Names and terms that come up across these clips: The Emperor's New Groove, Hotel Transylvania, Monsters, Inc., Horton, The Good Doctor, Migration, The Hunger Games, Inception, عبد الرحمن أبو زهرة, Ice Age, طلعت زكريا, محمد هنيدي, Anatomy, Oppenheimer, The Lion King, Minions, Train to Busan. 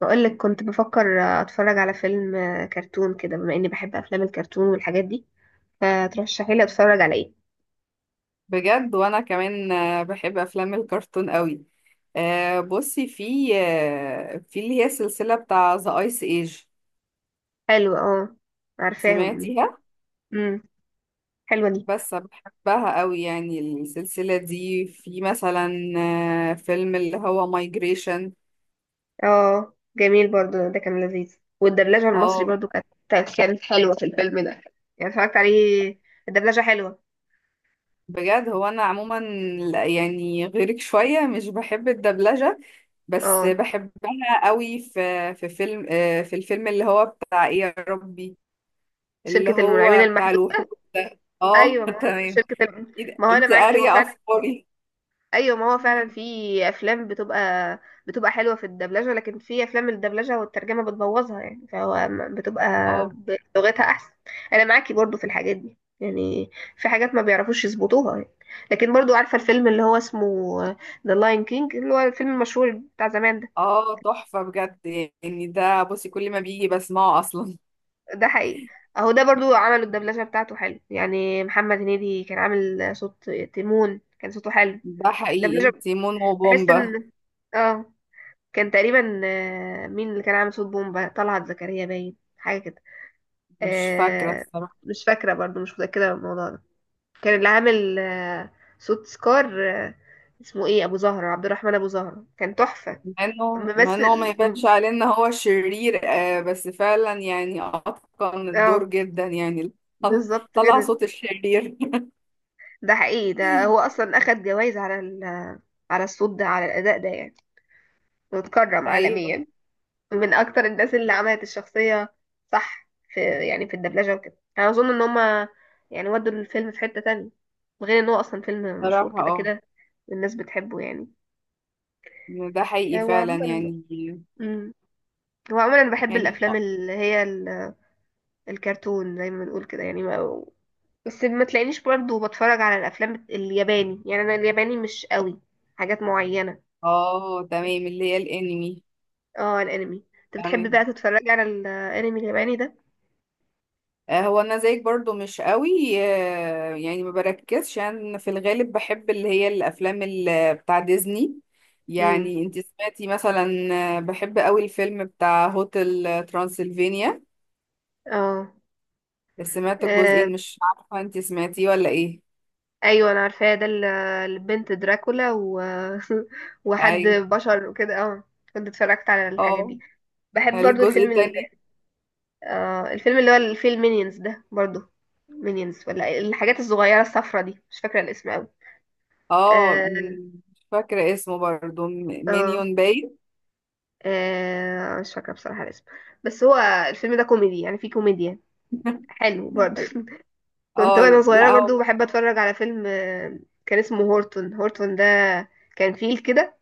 بقولك كنت بفكر اتفرج على فيلم كرتون كده، بما اني بحب افلام الكرتون والحاجات دي، فترشحي لي اتفرج على ايه؟ بجد، وانا كمان بحب افلام الكرتون قوي. بصي، في اللي هي السلسله بتاع ذا ايس ايج. حلو، اه، عارفاهم. سمعتيها؟ امم. حلوه دي. بس بحبها قوي، يعني السلسله دي، في مثلا فيلم اللي هو مايجريشن. اه، جميل برضو، ده كان لذيذ، والدبلجه المصري اه، برضو كانت حلوه في الفيلم ده، يعني اتفرجت عليه، الدبلجه حلوه. بجد هو انا عموما يعني غيرك شويه مش بحب الدبلجه. بس اه، بحبها قوي في فيلم، في الفيلم اللي هو بتاع ايه يا ربي؟ اللي شركه المنعمين هو بتاع المحدود. الوحوش ده، اه ايوه، ما هو تمام. إيه ده؟ ما هو انا انت معاكي هو قارية فعلا. افكاري؟ ايوه، ما هو فعلا في افلام بتبقى حلوه في الدبلجه، لكن في افلام الدبلجه والترجمه بتبوظها، يعني فهو بتبقى اه، بلغتها احسن. انا معاكي برضو في الحاجات دي يعني، في حاجات ما بيعرفوش يظبطوها يعني. لكن برضو عارفه الفيلم اللي هو اسمه ذا لاين كينج، اللي هو الفيلم المشهور بتاع زمان ده. اه تحفة بجد. يعني ده بصي كل ما بيجي بسمعه اصلا. ده حقيقي، اهو ده برضو عملوا الدبلجه بتاعته حلو يعني، محمد هنيدي كان عامل صوت تيمون، كان صوته حلو. ده الدبلجه، حقيقي تيمون بحس وبومبا. ان اه كان تقريبا، مين اللي كان عامل صوت بومبا؟ طلعت زكريا باين حاجة كده. مش فاكرة آه، الصراحة. مش فاكرة برضو، مش متأكدة من الموضوع ده. كان اللي عامل صوت سكار، اسمه ايه؟ أبو زهرة، عبد الرحمن أبو زهرة كان تحفة. مع انه ما ممثل يبانش عليه ان هو شرير، آه بس فعلا يعني اتقن الدور اه، جدا يعني. بالظبط طلع كده. صوت الشرير. ده حقيقي، ده هو أصلا أخد جوائز على الصوت ده، على الأداء ده يعني، واتكرم ايوه، عالميا. من اكتر الناس اللي عملت الشخصية. صح، يعني في الدبلجة وكده، انا اظن ان هما يعني ودوا الفيلم في حتة تانية، غير ان هو اصلا فيلم مشهور صراحة كده اه. كده. الناس بتحبه يعني. ده حقيقي هو فعلا عموما يعني. مم. هو عموما انا بحب يعني الافلام اللي هي الكرتون زي ما بنقول كده يعني ما... بس ما تلاقينيش برضو بتفرج على الافلام الياباني، يعني انا الياباني مش قوي، حاجات معينة. اه، تمام، اللي هي الانمي. اه، الانمي، انت بتحب بقى تمام، تتفرج على الانمي الياباني ده؟ هو انا زيك برضو مش قوي. يعني ما بركزش، انا في الغالب بحب اللي هي الافلام بتاع ديزني. امم. يعني انت سمعتي مثلا بحب قوي الفيلم بتاع هوتل ترانسلفينيا؟ اه. سمعت آه، الجزئين، مش عارفة انت سمعتيه ولا ايه. ايوه، انا عارفاه ده، البنت دراكولا و... وحد ايوه. بشر وكده، اه، كنت اتفرجت على الحاجات اه، دي. بحب برضو الجزء الفيلم ال... التاني. آه الفيلم اللي هو اللي فيه المينيونز ده برضو. مينيونز، ولا الحاجات الصغيره الصفرة دي، مش فاكره الاسم قوي. اه، اه، مش فاكرة اسمه برضو، اه، مينيون باين. مش فاكره بصراحه الاسم. بس هو الفيلم ده كوميدي، يعني فيه كوميديا حلو برضو. كنت اه، وانا لا صغيره برضو هو. بحب اتفرج على فيلم، كان اسمه هورتون. هورتون ده كان فيل كده،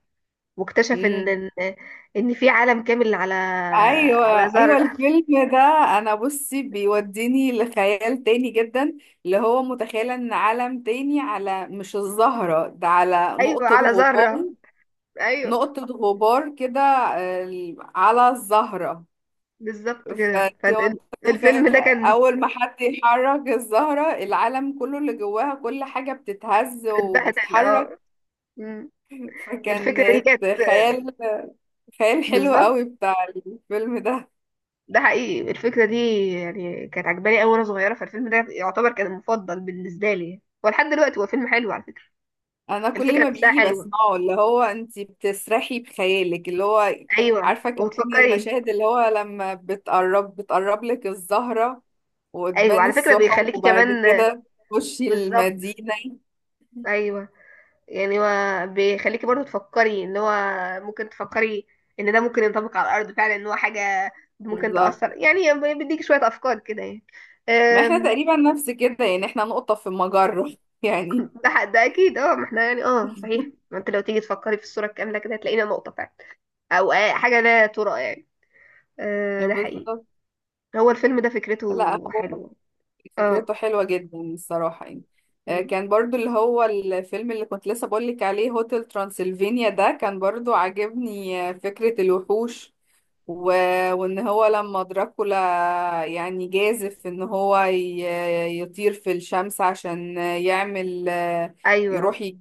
واكتشف ان مم. ان إن في عالم كامل على ايوه، على ايوه ذرة. الفيلم ده، انا بصي بيوديني لخيال تاني جدا، اللي هو متخيله ان عالم تاني على، مش الزهره ده، على ايوه، نقطه على ذرة. غبار. ايوه، نقطه غبار كده على الزهره. بالظبط كده. فالفيلم فتخيل ده كان اول ما حد يحرك الزهره، العالم كله اللي جواها كل حاجه بتتهز اتبهدل، وبتتحرك. اه. مم. الفكرة دي فكانت كانت خيال، خيال حلو بالظبط. قوي بتاع الفيلم ده. ده حقيقي، الفكرة دي يعني كانت عجباني أوي وأنا صغيرة، فالفيلم ده يعتبر كان المفضل بالنسبة لي، ولحد دلوقتي هو فيلم حلو على فكرة. انا كل الفكرة ما نفسها بيجي حلوة. بسمعه، اللي هو انت بتسرحي بخيالك، اللي هو، أيوه، عارفه كمان وتفكري. المشاهد اللي هو لما بتقرب بتقرب لك الزهره أيوه، وتبان على فكرة السحب بيخليكي وبعد كمان. كده تخشي بالظبط. المدينه. أيوه، يعني هو بيخليكي برضو تفكري ان هو ممكن تفكري ان ده ممكن ينطبق على الارض فعلا، ان هو حاجه ممكن بالظبط. تاثر، يعني بيديك شويه افكار كده يعني. ما احنا أم، تقريبا نفس كده، يعني احنا نقطه في المجره يعني. ده اكيد، اه، ما احنا يعني، اه، صحيح، ما انت لو تيجي تفكري في الصوره الكامله كده هتلاقينا نقطه فعلا، او حاجه لا ترى يعني. أه، ده حقيقي. بالظبط. هو الفيلم ده لا، فكرته حلوه. اه. فكرته حلوة جدا الصراحة يعني. أمم. كان برضو اللي هو الفيلم اللي كنت لسه بقولك عليه هوتل ترانسلفينيا ده، كان برضو عاجبني فكرة الوحوش، و... وان هو لما دراكولا يعني جازف ان هو يطير في الشمس عشان يعمل ايوه، يروح يج-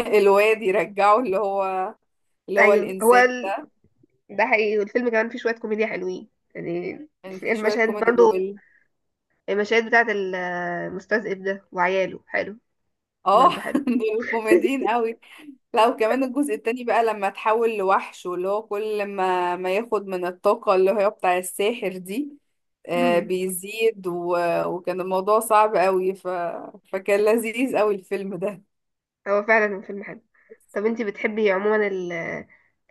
الواد يرجعه، اللي هو اللي هو ايوه. الانسان. ده حقيقي، والفيلم كمان فيه شويه كوميديا حلوين يعني. كان يعني في شوية المشاهد كوميدي برضو، المشاهد بتاعت المستذئب ده وعياله حلو. اه برضه حلو. دول كوميديين قوي. لا، وكمان الجزء التاني بقى لما تحول لوحش، واللي هو كل ما ياخد من الطاقة اللي هي بتاع الساحر دي آه مم. بيزيد وكان الموضوع صعب قوي فكان لذيذ قوي الفيلم ده. هو فعلا فيلم حلو. طب انتي بتحبي عموما ال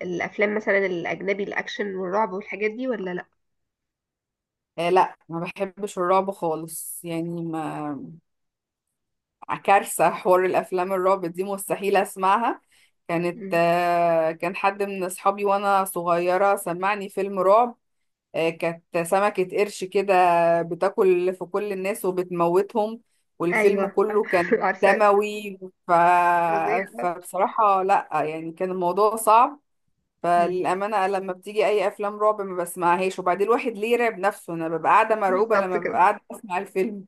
الافلام مثلا الاجنبي، الاكشن والرعب والحاجات دي، ولا لا؟ آه لا، ما بحبش الرعب خالص يعني ما، كارثة حوار، الأفلام الرعب دي مستحيل أسمعها. كانت مم. آه كان حد من أصحابي وأنا صغيرة سمعني فيلم رعب، كانت سمكة قرش كده بتاكل في كل الناس وبتموتهم، والفيلم ايوه. كله كان عارفه، دموي. ف... فظيع. فبصراحة لأ يعني، كان الموضوع صعب. مم. فللأمانة لما بتيجي أي أفلام رعب ما بسمعهاش، وبعدين الواحد ليه يرعب نفسه؟ أنا ببقى قاعدة مرعوبة بالظبط لما ببقى كده. قاعدة أسمع الفيلم.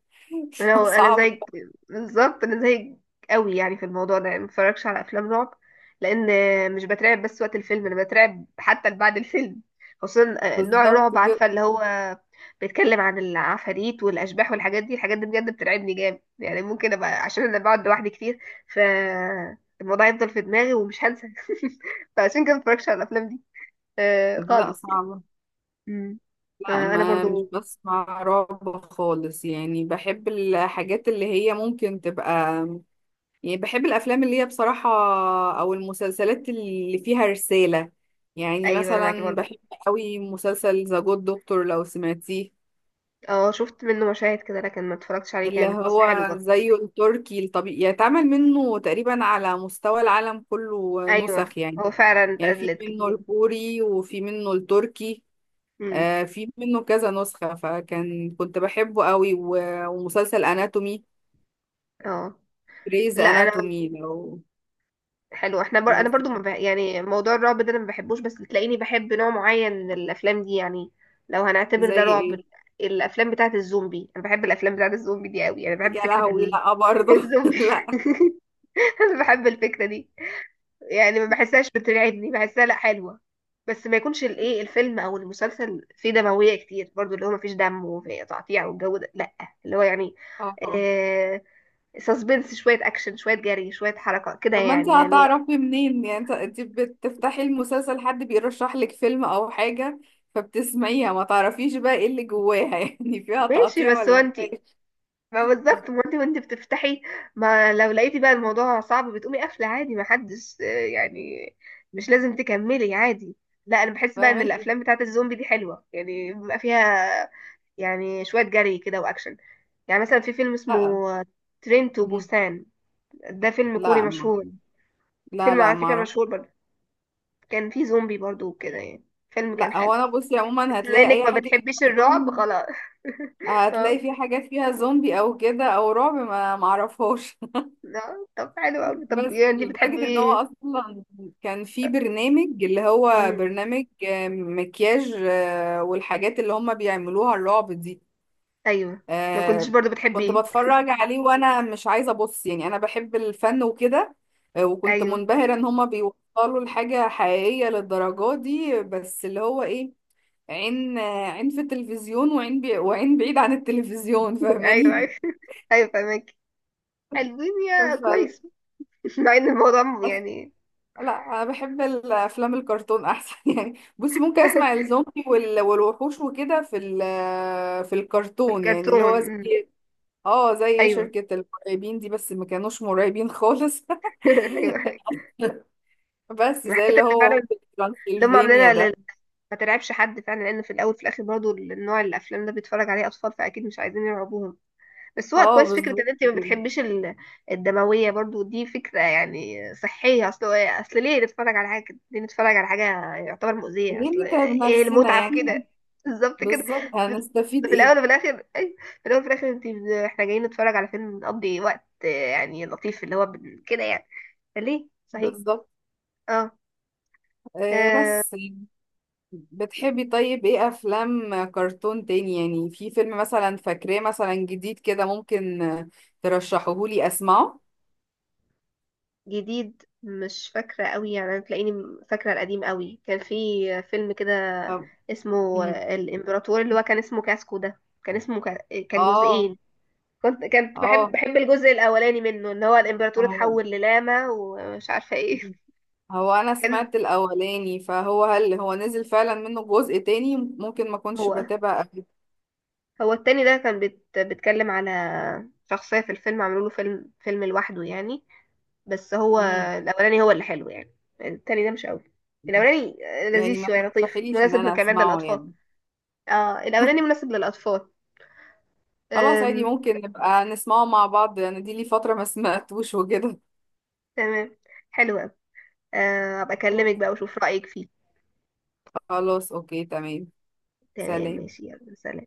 لو انا صعب. زيك، بالظبط انا زيك قوي يعني في الموضوع ده، يعني ما بتفرجش على افلام رعب، لان مش بترعب بس وقت الفيلم، انا بترعب حتى بعد الفيلم. خصوصا نوع بالظبط الرعب، كده. عارفه اللي هو بيتكلم عن العفاريت والاشباح والحاجات دي. الحاجات دي بجد بترعبني جامد، يعني ممكن ابقى، عشان انا بقعد لوحدي كتير، ف الموضوع يفضل في دماغي ومش هنسى. فعشان كده ما بتفرجش على الافلام دي، لا خالص يعني. صعبة. مم. لا، انا ما مش برضو. بسمع رعب خالص، يعني بحب الحاجات اللي هي ممكن تبقى، يعني بحب الافلام اللي هي بصراحه، او المسلسلات اللي فيها رساله. يعني ايوه، انا معاكي مثلا برضو. بحب قوي مسلسل ذا جود دكتور، لو سمعتيه، اه، شفت منه مشاهد كده، لكن ما اتفرجتش عليه اللي كامل، بس حلو هو برضه. زيه التركي الطبيعي، يتعمل منه تقريبا على مستوى العالم كله ايوه، نسخ يعني، هو فعلا يعني في اتقلد منه كتير. الكوري، وفي منه التركي، امم. آه في منه كذا نسخة. كنت بحبه قوي ومسلسل اناتومي، اه. ريز لا، انا اناتومي، لو حلو، احنا لو انا برضو ما سمعته. بح... يعني موضوع الرعب ده انا ما بحبوش، بس تلاقيني بحب نوع معين من الافلام دي يعني. لو هنعتبر زي ده رعب، ايه؟ الافلام بتاعه الزومبي، انا بحب الافلام بتاعه الزومبي دي قوي، انا بحب يا فكره لهوي، لا برضه الزومبي. لا، انا بحب الفكره دي، يعني ما بحسهاش بترعبني، بحسها لا حلوة. بس ما يكونش الايه، الفيلم او المسلسل فيه دموية كتير برضو، اللي هو ما فيش دم وفي تقطيع والجو ده، لا. اللي هو يعني، اه. آه سسبنس، شوية اكشن، شوية جري، شوية حركة كده طب ما انت يعني هتعرفي منين؟ يعني انت بتفتحي المسلسل، حد بيرشح لك فيلم او حاجة فبتسمعيها، ما تعرفيش بقى ايه اللي جواها يعني فيها ماشي، تقطيع بس هو ولا ما انت، فيهاش؟ ما بالظبط، ما انت وانت بتفتحي، ما لو لقيتي بقى الموضوع صعب بتقومي قافلة عادي، ما حدش، يعني. مش لازم تكملي عادي. لا، انا بحس بقى ان فاهمكي. الافلام بتاعت الزومبي دي حلوة، يعني بيبقى فيها يعني شوية جري كده وأكشن، يعني مثلا في فيلم اسمه لا. ترين تو مم. بوسان، ده فيلم كوري لا ما. مشهور، لا فيلم لا، على ما فكرة اعرف. مشهور برضه، كان فيه زومبي برضه وكده يعني، فيلم كان لا حلو. هو انا بصي بس عموما بما هتلاقي انك اي ما حاجة بتحبيش فيها الرعب زومبي، خلاص. اه. هتلاقي في حاجة فيها زومبي او كده او رعب، ما اعرفهاش. طب حلو أوي، طب بس يعني انت بتحبي لدرجة ان هو ايه؟ اصلا كان في برنامج، اللي هو مم. برنامج مكياج والحاجات اللي هم بيعملوها الرعب دي. ايوه، ما كنتش آه، برضه كنت بتحبيه. بتفرج عليه وانا مش عايزة ابص، يعني انا بحب الفن وكده. وكنت ايوه. منبهرة ان هم بيوصلوا لحاجة حقيقية للدرجة دي. بس اللي هو ايه، عين عين في التلفزيون، وعين بعيد عن التلفزيون، ايوه، فاهماني؟ ايوه، ايوه، فاهمك. حلوين يا فال- كويس. مع ان الموضوع يعني. لا، انا بحب الافلام الكرتون احسن يعني بصي، ممكن اسمع الزومبي والوحوش وكده في في الكرتون، يعني اللي الكرتون. هو مم. زي، اه، زي ايوه. شركة المرعبين دي، بس ما كانوش مرعبين خالص. ايوه، بس زي اللي الحاجات اللي هو فعلا هوتل اللي هم ترانسلفينيا عاملينها لل... ده. ما ترعبش حد فعلا، لان في الاول في الاخر برضو النوع الافلام ده بيتفرج عليه اطفال، فاكيد مش عايزين يرعبوهم. بس هو اه، كويس فكره ان بالظبط انت ما كده. بتحبيش الدمويه برضو، دي فكره يعني صحيه، اصل ليه نتفرج على حاجه كده؟ ليه نتفرج على حاجه يعتبر مؤذيه، اصل ليه نتعب ايه نفسنا المتعه في يعني؟ كده؟ بالظبط كده. بالظبط، في هنستفيد في ايه؟ الاول وفي الاخر، أيوة. في الاول وفي الاخر، احنا جايين نتفرج على فيلم، نقضي وقت، يعني لطيف، اللي هو كده يعني، فليه؟ صحيح، بالظبط اه. آه. آه، بس بتحبي طيب ايه افلام كرتون تاني؟ يعني في فيلم مثلا فاكراه مثلا جديد كده ممكن ترشحهولي اسمعه؟ جديد مش فاكرة قوي يعني، أنا تلاقيني فاكرة القديم قوي. كان في فيلم كده طب- اسمه مم. الإمبراطور، اللي هو كان اسمه كاسكو، ده كان اسمه كان اه، جزئين. كنت بحب اه، بحب الجزء الأولاني منه، إن هو الإمبراطور هو اتحول للاما ومش عارفة إيه. هو انا كان، سمعت الاولاني، هل هو نزل فعلا منه جزء تاني؟ ممكن ما كنتش هو بتابع قبل. هو التاني ده كان بيتكلم على شخصية في الفيلم، عملوا له فيلم، فيلم لوحده يعني. بس هو مم. الأولاني هو اللي حلو يعني، التاني ده مش قوي، الأولاني لذيذ يعني ما شوية لطيف ترشحيليش ان مناسب انا كمان اسمعه للأطفال. يعني؟ اه، الاولاني مناسب للاطفال. خلاص، عادي أم. ممكن نبقى نسمعه مع بعض، انا دي لي فترة ما سمعتوش وكده. تمام. حلو أوي. ابقى خلاص، اكلمك بقى واشوف رايك فيه. خلاص، اوكي تمام. تمام. سلام. ماشي، يلا سلام.